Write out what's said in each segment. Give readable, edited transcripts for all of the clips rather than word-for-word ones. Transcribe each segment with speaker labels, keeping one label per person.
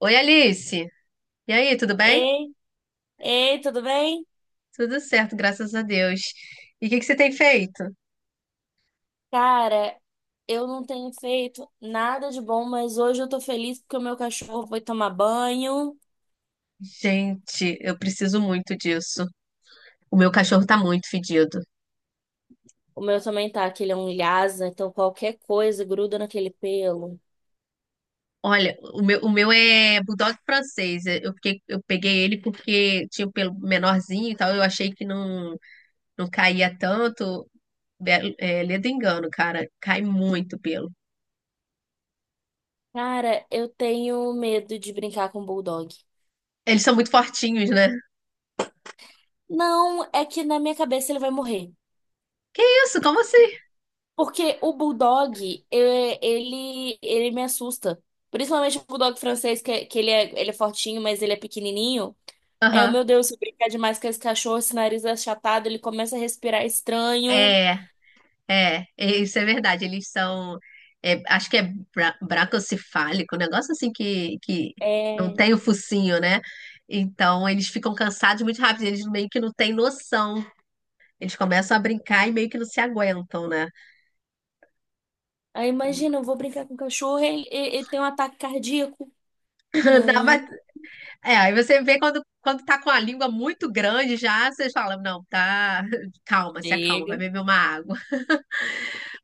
Speaker 1: Oi, Alice. E aí, tudo bem?
Speaker 2: Ei, ei, tudo bem?
Speaker 1: Tudo certo, graças a Deus. E o que que você tem feito?
Speaker 2: Cara, eu não tenho feito nada de bom, mas hoje eu tô feliz porque o meu cachorro foi tomar banho.
Speaker 1: Gente, eu preciso muito disso. O meu cachorro tá muito fedido.
Speaker 2: O meu também tá, que ele é um lhasa, então qualquer coisa gruda naquele pelo.
Speaker 1: Olha, o meu é bulldog francês. Eu fiquei, eu peguei ele porque tinha o pelo menorzinho e tal. Eu achei que não caía tanto. É, ledo engano, cara. Cai muito pelo.
Speaker 2: Cara, eu tenho medo de brincar com o bulldog.
Speaker 1: Eles são muito fortinhos, né?
Speaker 2: Não, é que na minha cabeça ele vai morrer.
Speaker 1: Isso, como assim?
Speaker 2: Porque o bulldog, ele me assusta. Principalmente o bulldog francês, que ele é fortinho, mas ele é pequenininho. Aí
Speaker 1: Aham.
Speaker 2: meu Deus, se brincar demais com esse cachorro, esse nariz é achatado, ele começa a respirar estranho.
Speaker 1: É, isso é verdade. Eles são, acho que é bracocefálico, um negócio assim que não
Speaker 2: É.
Speaker 1: tem o focinho, né? Então eles ficam cansados muito rápido, eles meio que não têm noção. Eles começam a brincar e meio que não se aguentam, né?
Speaker 2: Aí imagina, eu vou brincar com o cachorro, ele tem um ataque cardíaco.
Speaker 1: Não,
Speaker 2: Não,
Speaker 1: mas- é, Aí você vê quando tá com a língua muito grande já, vocês falam, não, tá, calma, se acalma, vai
Speaker 2: chega.
Speaker 1: beber uma água.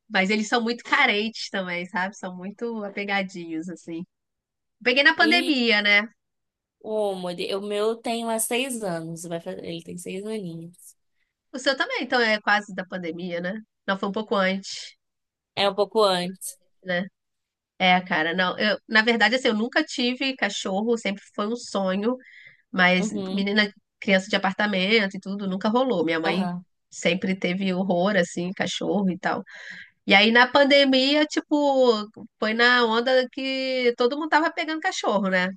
Speaker 1: Mas eles são muito carentes também, sabe? São muito apegadinhos, assim. Peguei na
Speaker 2: E
Speaker 1: pandemia, né?
Speaker 2: o meu tem há 6 anos, ele tem 6 aninhos.
Speaker 1: O seu também, então é quase da pandemia, né? Não, foi um pouco antes,
Speaker 2: É um pouco antes.
Speaker 1: né? É, cara, não. Eu, na verdade, assim, eu nunca tive cachorro, sempre foi um sonho, mas
Speaker 2: Uhum,
Speaker 1: menina, criança de apartamento e tudo, nunca rolou. Minha mãe
Speaker 2: aham.
Speaker 1: sempre teve horror, assim, cachorro e tal. E aí na pandemia, tipo, foi na onda que todo mundo tava pegando cachorro, né?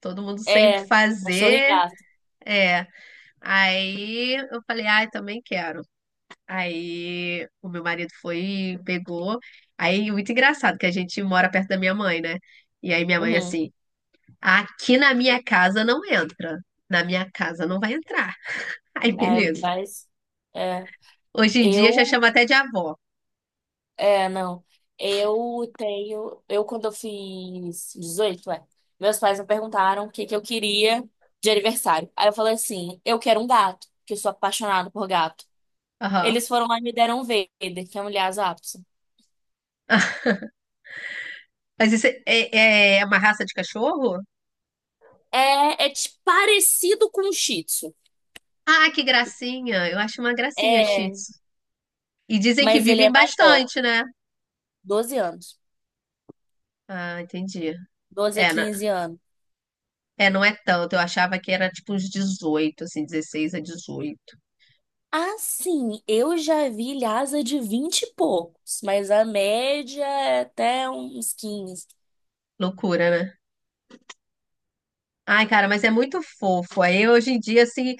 Speaker 1: Todo mundo sem o que
Speaker 2: É, cachorro e
Speaker 1: fazer.
Speaker 2: gato.
Speaker 1: É. Aí eu falei, ai, também quero. Aí o meu marido foi, pegou. Aí muito engraçado que a gente mora perto da minha mãe, né? E aí minha mãe
Speaker 2: Uhum.
Speaker 1: assim, aqui na minha casa não entra. Na minha casa não vai entrar. Aí
Speaker 2: É,
Speaker 1: beleza.
Speaker 2: mas, é,
Speaker 1: Hoje em dia já
Speaker 2: eu
Speaker 1: chama até de avó.
Speaker 2: É, não. Eu tenho. Quando eu fiz 18 meus pais me perguntaram o que que eu queria de aniversário. Aí eu falei assim: eu quero um gato, que eu sou apaixonada por gato.
Speaker 1: Aham.
Speaker 2: Eles foram lá e me deram um Vader, que é um Lhasa Apso.
Speaker 1: Mas isso é uma raça de cachorro?
Speaker 2: Parecido com um Shih Tzu.
Speaker 1: Ah, que gracinha. Eu acho uma gracinha, Shih
Speaker 2: É,
Speaker 1: Tzu. E dizem que
Speaker 2: mas ele é
Speaker 1: vivem
Speaker 2: maior,
Speaker 1: bastante, né?
Speaker 2: 12 anos.
Speaker 1: Ah, entendi.
Speaker 2: doze a
Speaker 1: É, não,
Speaker 2: quinze anos.
Speaker 1: não é tanto. Eu achava que era tipo uns 18, assim, 16 a 18.
Speaker 2: Assim, eu já vi Lhasa de 20 e poucos, mas a média é até uns quinze.
Speaker 1: Loucura, né? Ai, cara, mas é muito fofo. Aí hoje em dia, assim,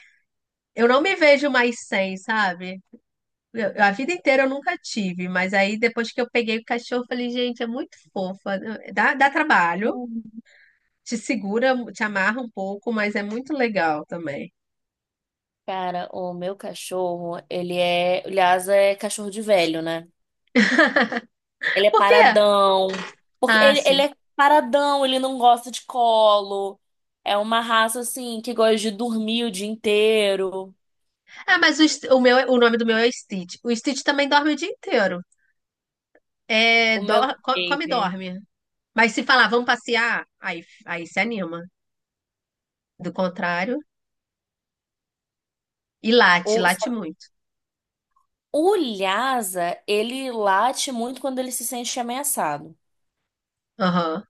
Speaker 1: eu não me vejo mais sem, sabe? A vida inteira eu nunca tive, mas aí depois que eu peguei o cachorro, eu falei, gente, é muito fofa. Dá trabalho, te segura, te amarra um pouco, mas é muito legal também.
Speaker 2: Cara, o meu cachorro, ele é. O Lhasa é cachorro de velho, né? Ele é
Speaker 1: Por quê?
Speaker 2: paradão. Porque
Speaker 1: Ah,
Speaker 2: ele
Speaker 1: sim.
Speaker 2: é paradão, ele não gosta de colo. É uma raça, assim, que gosta de dormir o dia inteiro.
Speaker 1: Ah, mas o, o meu, o nome do meu é Stitch. O Stitch também dorme o dia inteiro. É,
Speaker 2: O meu.
Speaker 1: come e
Speaker 2: Ele.
Speaker 1: dorme. Mas se falar, vamos passear, aí se anima. Do contrário, e late,
Speaker 2: O,
Speaker 1: late
Speaker 2: só-
Speaker 1: muito.
Speaker 2: o Lhasa, ele late muito quando ele se sente ameaçado.
Speaker 1: Aham.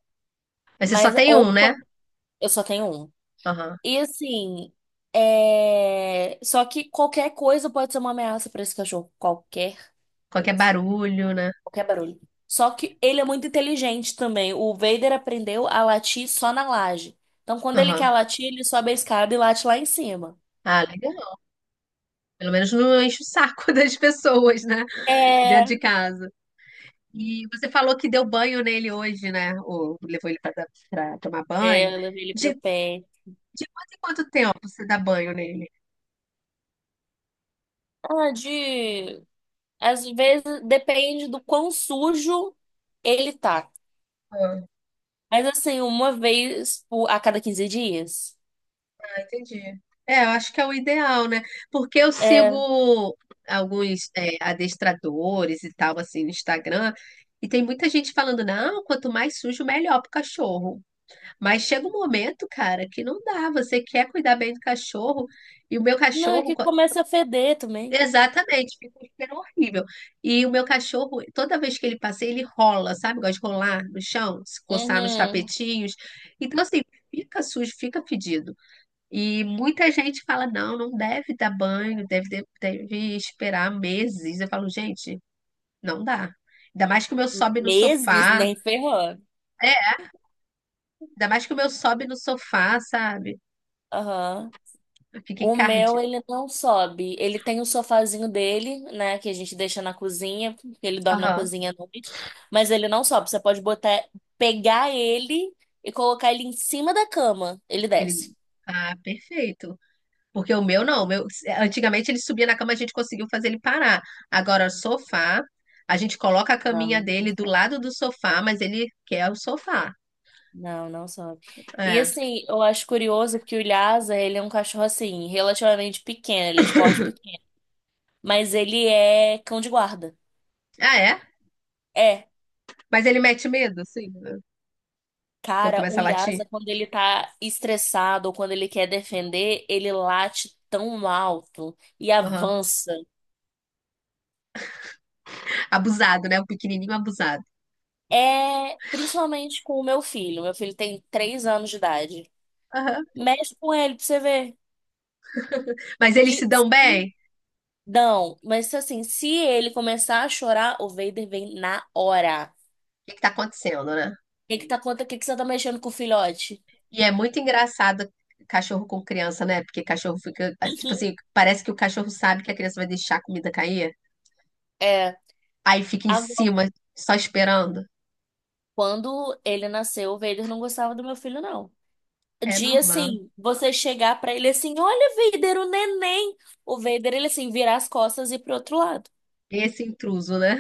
Speaker 1: Mas você só
Speaker 2: Mas,
Speaker 1: tem
Speaker 2: ou
Speaker 1: um, né?
Speaker 2: quando. Eu só tenho um.
Speaker 1: Aham.
Speaker 2: E assim. Só que qualquer coisa pode ser uma ameaça pra esse cachorro. Qualquer
Speaker 1: Qualquer
Speaker 2: coisa.
Speaker 1: barulho, né?
Speaker 2: Qualquer barulho. Só que ele é muito inteligente também. O Vader aprendeu a latir só na laje. Então, quando ele quer
Speaker 1: Aham.
Speaker 2: latir, ele sobe a escada e late lá em cima.
Speaker 1: Ah, legal. Pelo menos não enche o saco das pessoas, né? Dentro de
Speaker 2: É,
Speaker 1: casa. E você falou que deu banho nele hoje, né? Ou levou ele pra, tomar banho.
Speaker 2: eu levei ele
Speaker 1: De,
Speaker 2: pro pé.
Speaker 1: de quanto em quanto tempo você dá banho nele?
Speaker 2: Ah, às vezes depende do quão sujo ele tá.
Speaker 1: Ah,
Speaker 2: Mas assim, a cada 15 dias.
Speaker 1: entendi. É, eu acho que é o ideal, né? Porque eu
Speaker 2: É.
Speaker 1: sigo alguns adestradores e tal, assim, no Instagram, e tem muita gente falando, não, quanto mais sujo, melhor pro cachorro. Mas chega um momento, cara, que não dá. Você quer cuidar bem do cachorro e o meu
Speaker 2: Não, é
Speaker 1: cachorro,
Speaker 2: que começa a feder também.
Speaker 1: exatamente, fica um cheiro horrível. E o meu cachorro, toda vez que ele passeia, ele rola, sabe? Gosta de rolar no chão, se coçar nos
Speaker 2: Uhum.
Speaker 1: tapetinhos. Então, assim, fica sujo, fica fedido. E muita gente fala: não, não deve dar banho, deve esperar meses. Eu falo, gente, não dá. Ainda mais que o meu sobe no
Speaker 2: Meses,
Speaker 1: sofá.
Speaker 2: nem ferrou.
Speaker 1: É, ainda mais que o meu sobe no sofá, sabe?
Speaker 2: Aham.
Speaker 1: Fica
Speaker 2: O meu,
Speaker 1: encardido.
Speaker 2: ele não sobe. Ele tem o sofazinho dele, né? Que a gente deixa na cozinha, porque ele dorme na
Speaker 1: Aham.
Speaker 2: cozinha à noite. Mas ele não sobe. Você pode botar, pegar ele e colocar ele em cima da cama. Ele
Speaker 1: Ele.
Speaker 2: desce.
Speaker 1: Ah, perfeito. Porque o meu não. O meu... Antigamente ele subia na cama, a gente conseguiu fazer ele parar. Agora, sofá, a gente coloca a caminha
Speaker 2: Não, não
Speaker 1: dele do
Speaker 2: sobe.
Speaker 1: lado do sofá, mas ele quer o sofá.
Speaker 2: Não, não sobe. E
Speaker 1: É.
Speaker 2: assim, eu acho curioso que o Lhasa, ele é um cachorro assim, relativamente pequeno. Ele é de porte pequeno. Mas ele é cão de guarda.
Speaker 1: Ah, é?
Speaker 2: É.
Speaker 1: Mas ele mete medo, sim. Né? Quando
Speaker 2: Cara, o
Speaker 1: começa a latir.
Speaker 2: Lhasa, quando ele tá estressado ou quando ele quer defender, ele late tão alto e
Speaker 1: Aham.
Speaker 2: avança.
Speaker 1: Abusado, né? O pequenininho abusado.
Speaker 2: É principalmente com o meu filho. Meu filho tem 3 anos de idade.
Speaker 1: Aham.
Speaker 2: Mexe com ele pra você ver.
Speaker 1: Mas eles se
Speaker 2: Se,
Speaker 1: dão
Speaker 2: se-
Speaker 1: bem? O
Speaker 2: não, mas assim, se ele começar a chorar, o Vader vem na hora.
Speaker 1: que que tá acontecendo, né?
Speaker 2: O que que tá acontecendo? O que que você tá mexendo com o filhote?
Speaker 1: E é muito engraçado cachorro com criança, né? Porque cachorro fica. Tipo
Speaker 2: Uhum.
Speaker 1: assim, parece que o cachorro sabe que a criança vai deixar a comida cair.
Speaker 2: É.
Speaker 1: Aí fica em
Speaker 2: Agora,
Speaker 1: cima, só esperando.
Speaker 2: quando ele nasceu, o Vader não gostava do meu filho, não.
Speaker 1: É
Speaker 2: De
Speaker 1: normal.
Speaker 2: assim, você chegar pra ele assim, olha, Vader, o neném. O Vader, ele assim, virar as costas e ir pro outro lado.
Speaker 1: Esse intruso, né?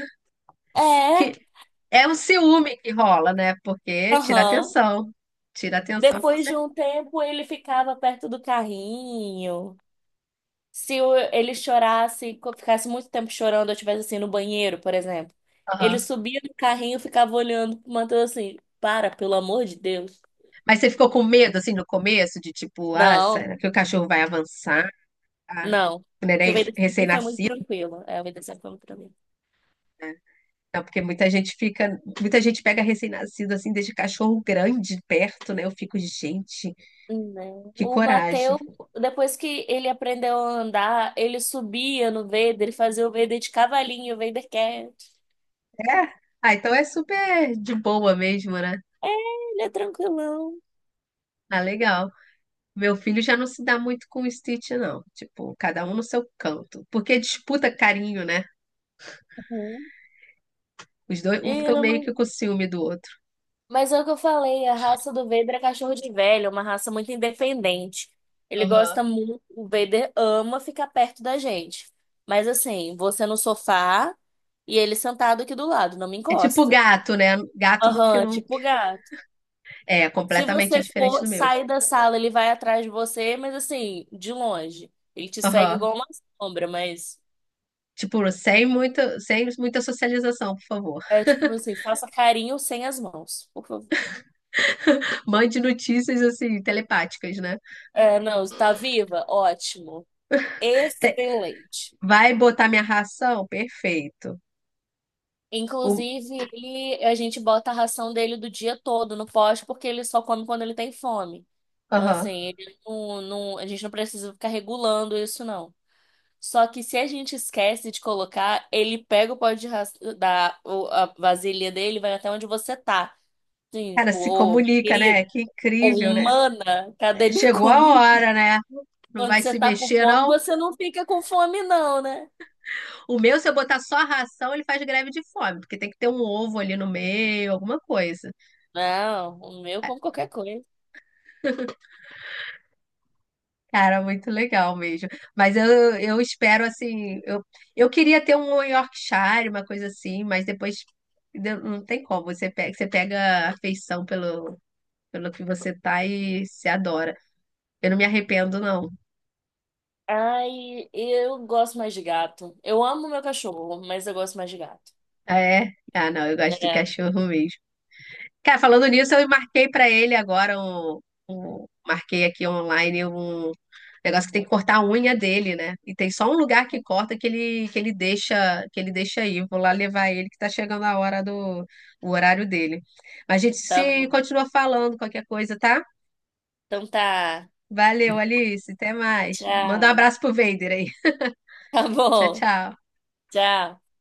Speaker 2: É,
Speaker 1: Que é um ciúme que rola, né? Porque tira
Speaker 2: aham.
Speaker 1: atenção. Tira atenção com
Speaker 2: Depois de
Speaker 1: certeza.
Speaker 2: um tempo, ele ficava perto do carrinho. Se ele chorasse, ficasse muito tempo chorando, eu estivesse assim no banheiro, por exemplo, ele
Speaker 1: Aham.
Speaker 2: subia no carrinho e ficava olhando pro Matheus assim, para, pelo amor de Deus.
Speaker 1: Mas você ficou com medo, assim, no começo, de tipo, ah,
Speaker 2: Não,
Speaker 1: será que o cachorro vai avançar? Ah,
Speaker 2: não.
Speaker 1: o
Speaker 2: Porque o
Speaker 1: neném
Speaker 2: Vader sempre foi muito
Speaker 1: recém-nascido?
Speaker 2: tranquilo. É, o Vader sempre foi muito tranquilo.
Speaker 1: Não, porque muita gente fica, muita gente pega recém-nascido, assim, desde cachorro grande perto, né? Eu fico, gente,
Speaker 2: Não.
Speaker 1: que coragem.
Speaker 2: Depois que ele aprendeu a andar, ele subia no Vader, ele fazia o Vader de cavalinho, o Vader quer.
Speaker 1: É? Ah, então é super de boa mesmo, né?
Speaker 2: Ele é tranquilão.
Speaker 1: Ah, legal. Meu filho já não se dá muito com o Stitch, não. Tipo, cada um no seu canto. Porque disputa carinho, né?
Speaker 2: Uhum.
Speaker 1: Os dois,
Speaker 2: E
Speaker 1: um fica
Speaker 2: ele é
Speaker 1: meio
Speaker 2: uma-
Speaker 1: que com ciúme do outro.
Speaker 2: mas é o que eu falei, a raça do Vader é cachorro de velho, é uma raça muito independente. Ele
Speaker 1: Aham.
Speaker 2: gosta muito, o Vader ama ficar perto da gente. Mas assim, você no sofá e ele sentado aqui do lado, não me
Speaker 1: É tipo
Speaker 2: encosta.
Speaker 1: gato, né? Gato no que
Speaker 2: Aham,
Speaker 1: não.
Speaker 2: tipo gato.
Speaker 1: É
Speaker 2: Se
Speaker 1: completamente
Speaker 2: você
Speaker 1: diferente
Speaker 2: for
Speaker 1: do meu.
Speaker 2: sair da sala, ele vai atrás de você, mas assim, de longe. Ele te segue
Speaker 1: Aham.
Speaker 2: igual uma sombra, mas
Speaker 1: Tipo, sem muita socialização, por favor.
Speaker 2: é tipo assim, faça carinho sem as mãos, por favor.
Speaker 1: Mande notícias assim, telepáticas, né?
Speaker 2: É, não, está viva? Ótimo.
Speaker 1: Te-
Speaker 2: Excelente.
Speaker 1: Vai botar minha ração? Perfeito. O...
Speaker 2: Inclusive, a gente bota a ração dele do dia todo no poste, porque ele só come quando ele tem fome. Então,
Speaker 1: Aham.
Speaker 2: assim, ele não, não, a gente não precisa ficar regulando isso, não. Só que se a gente esquece de colocar, ele pega o pote de ras- da o- a vasilha dele e vai até onde você tá. Sim,
Speaker 1: Cara,
Speaker 2: tipo,
Speaker 1: se
Speaker 2: ô, minha
Speaker 1: comunica, né?
Speaker 2: querida,
Speaker 1: Que
Speaker 2: ô,
Speaker 1: incrível, né?
Speaker 2: humana, cadê
Speaker 1: É,
Speaker 2: minha
Speaker 1: chegou a
Speaker 2: comida?
Speaker 1: hora, né? Não
Speaker 2: Quando
Speaker 1: vai
Speaker 2: você
Speaker 1: se
Speaker 2: tá com
Speaker 1: mexer,
Speaker 2: fome,
Speaker 1: não?
Speaker 2: você não fica com fome, não, né?
Speaker 1: O meu, se eu botar só a ração, ele faz greve de fome, porque tem que ter um ovo ali no meio, alguma coisa.
Speaker 2: Não, o meu como qualquer coisa.
Speaker 1: Cara, muito legal mesmo. Mas eu espero, assim, eu queria ter um Yorkshire, uma coisa assim, mas não tem como. Você pega afeição pelo, pelo que você tá e se adora. Eu não me arrependo, não.
Speaker 2: Ai, eu gosto mais de gato. Eu amo meu cachorro, mas eu gosto mais de gato.
Speaker 1: Ah, é? Ah, não, eu gosto do
Speaker 2: É,
Speaker 1: cachorro mesmo. Cara, falando nisso, eu marquei pra ele agora marquei aqui online um negócio que tem que cortar a unha dele, né? E tem só um lugar que corta que ele deixa aí. Vou lá levar ele que tá chegando a hora do o horário dele. Mas a gente
Speaker 2: tá
Speaker 1: se
Speaker 2: bom.
Speaker 1: continua falando qualquer coisa, tá?
Speaker 2: Então tá.
Speaker 1: Valeu, Alice, até mais. Manda um
Speaker 2: Tchau.
Speaker 1: abraço pro Vader aí.
Speaker 2: Tá
Speaker 1: Tchau,
Speaker 2: bom.
Speaker 1: tchau.
Speaker 2: Tchau.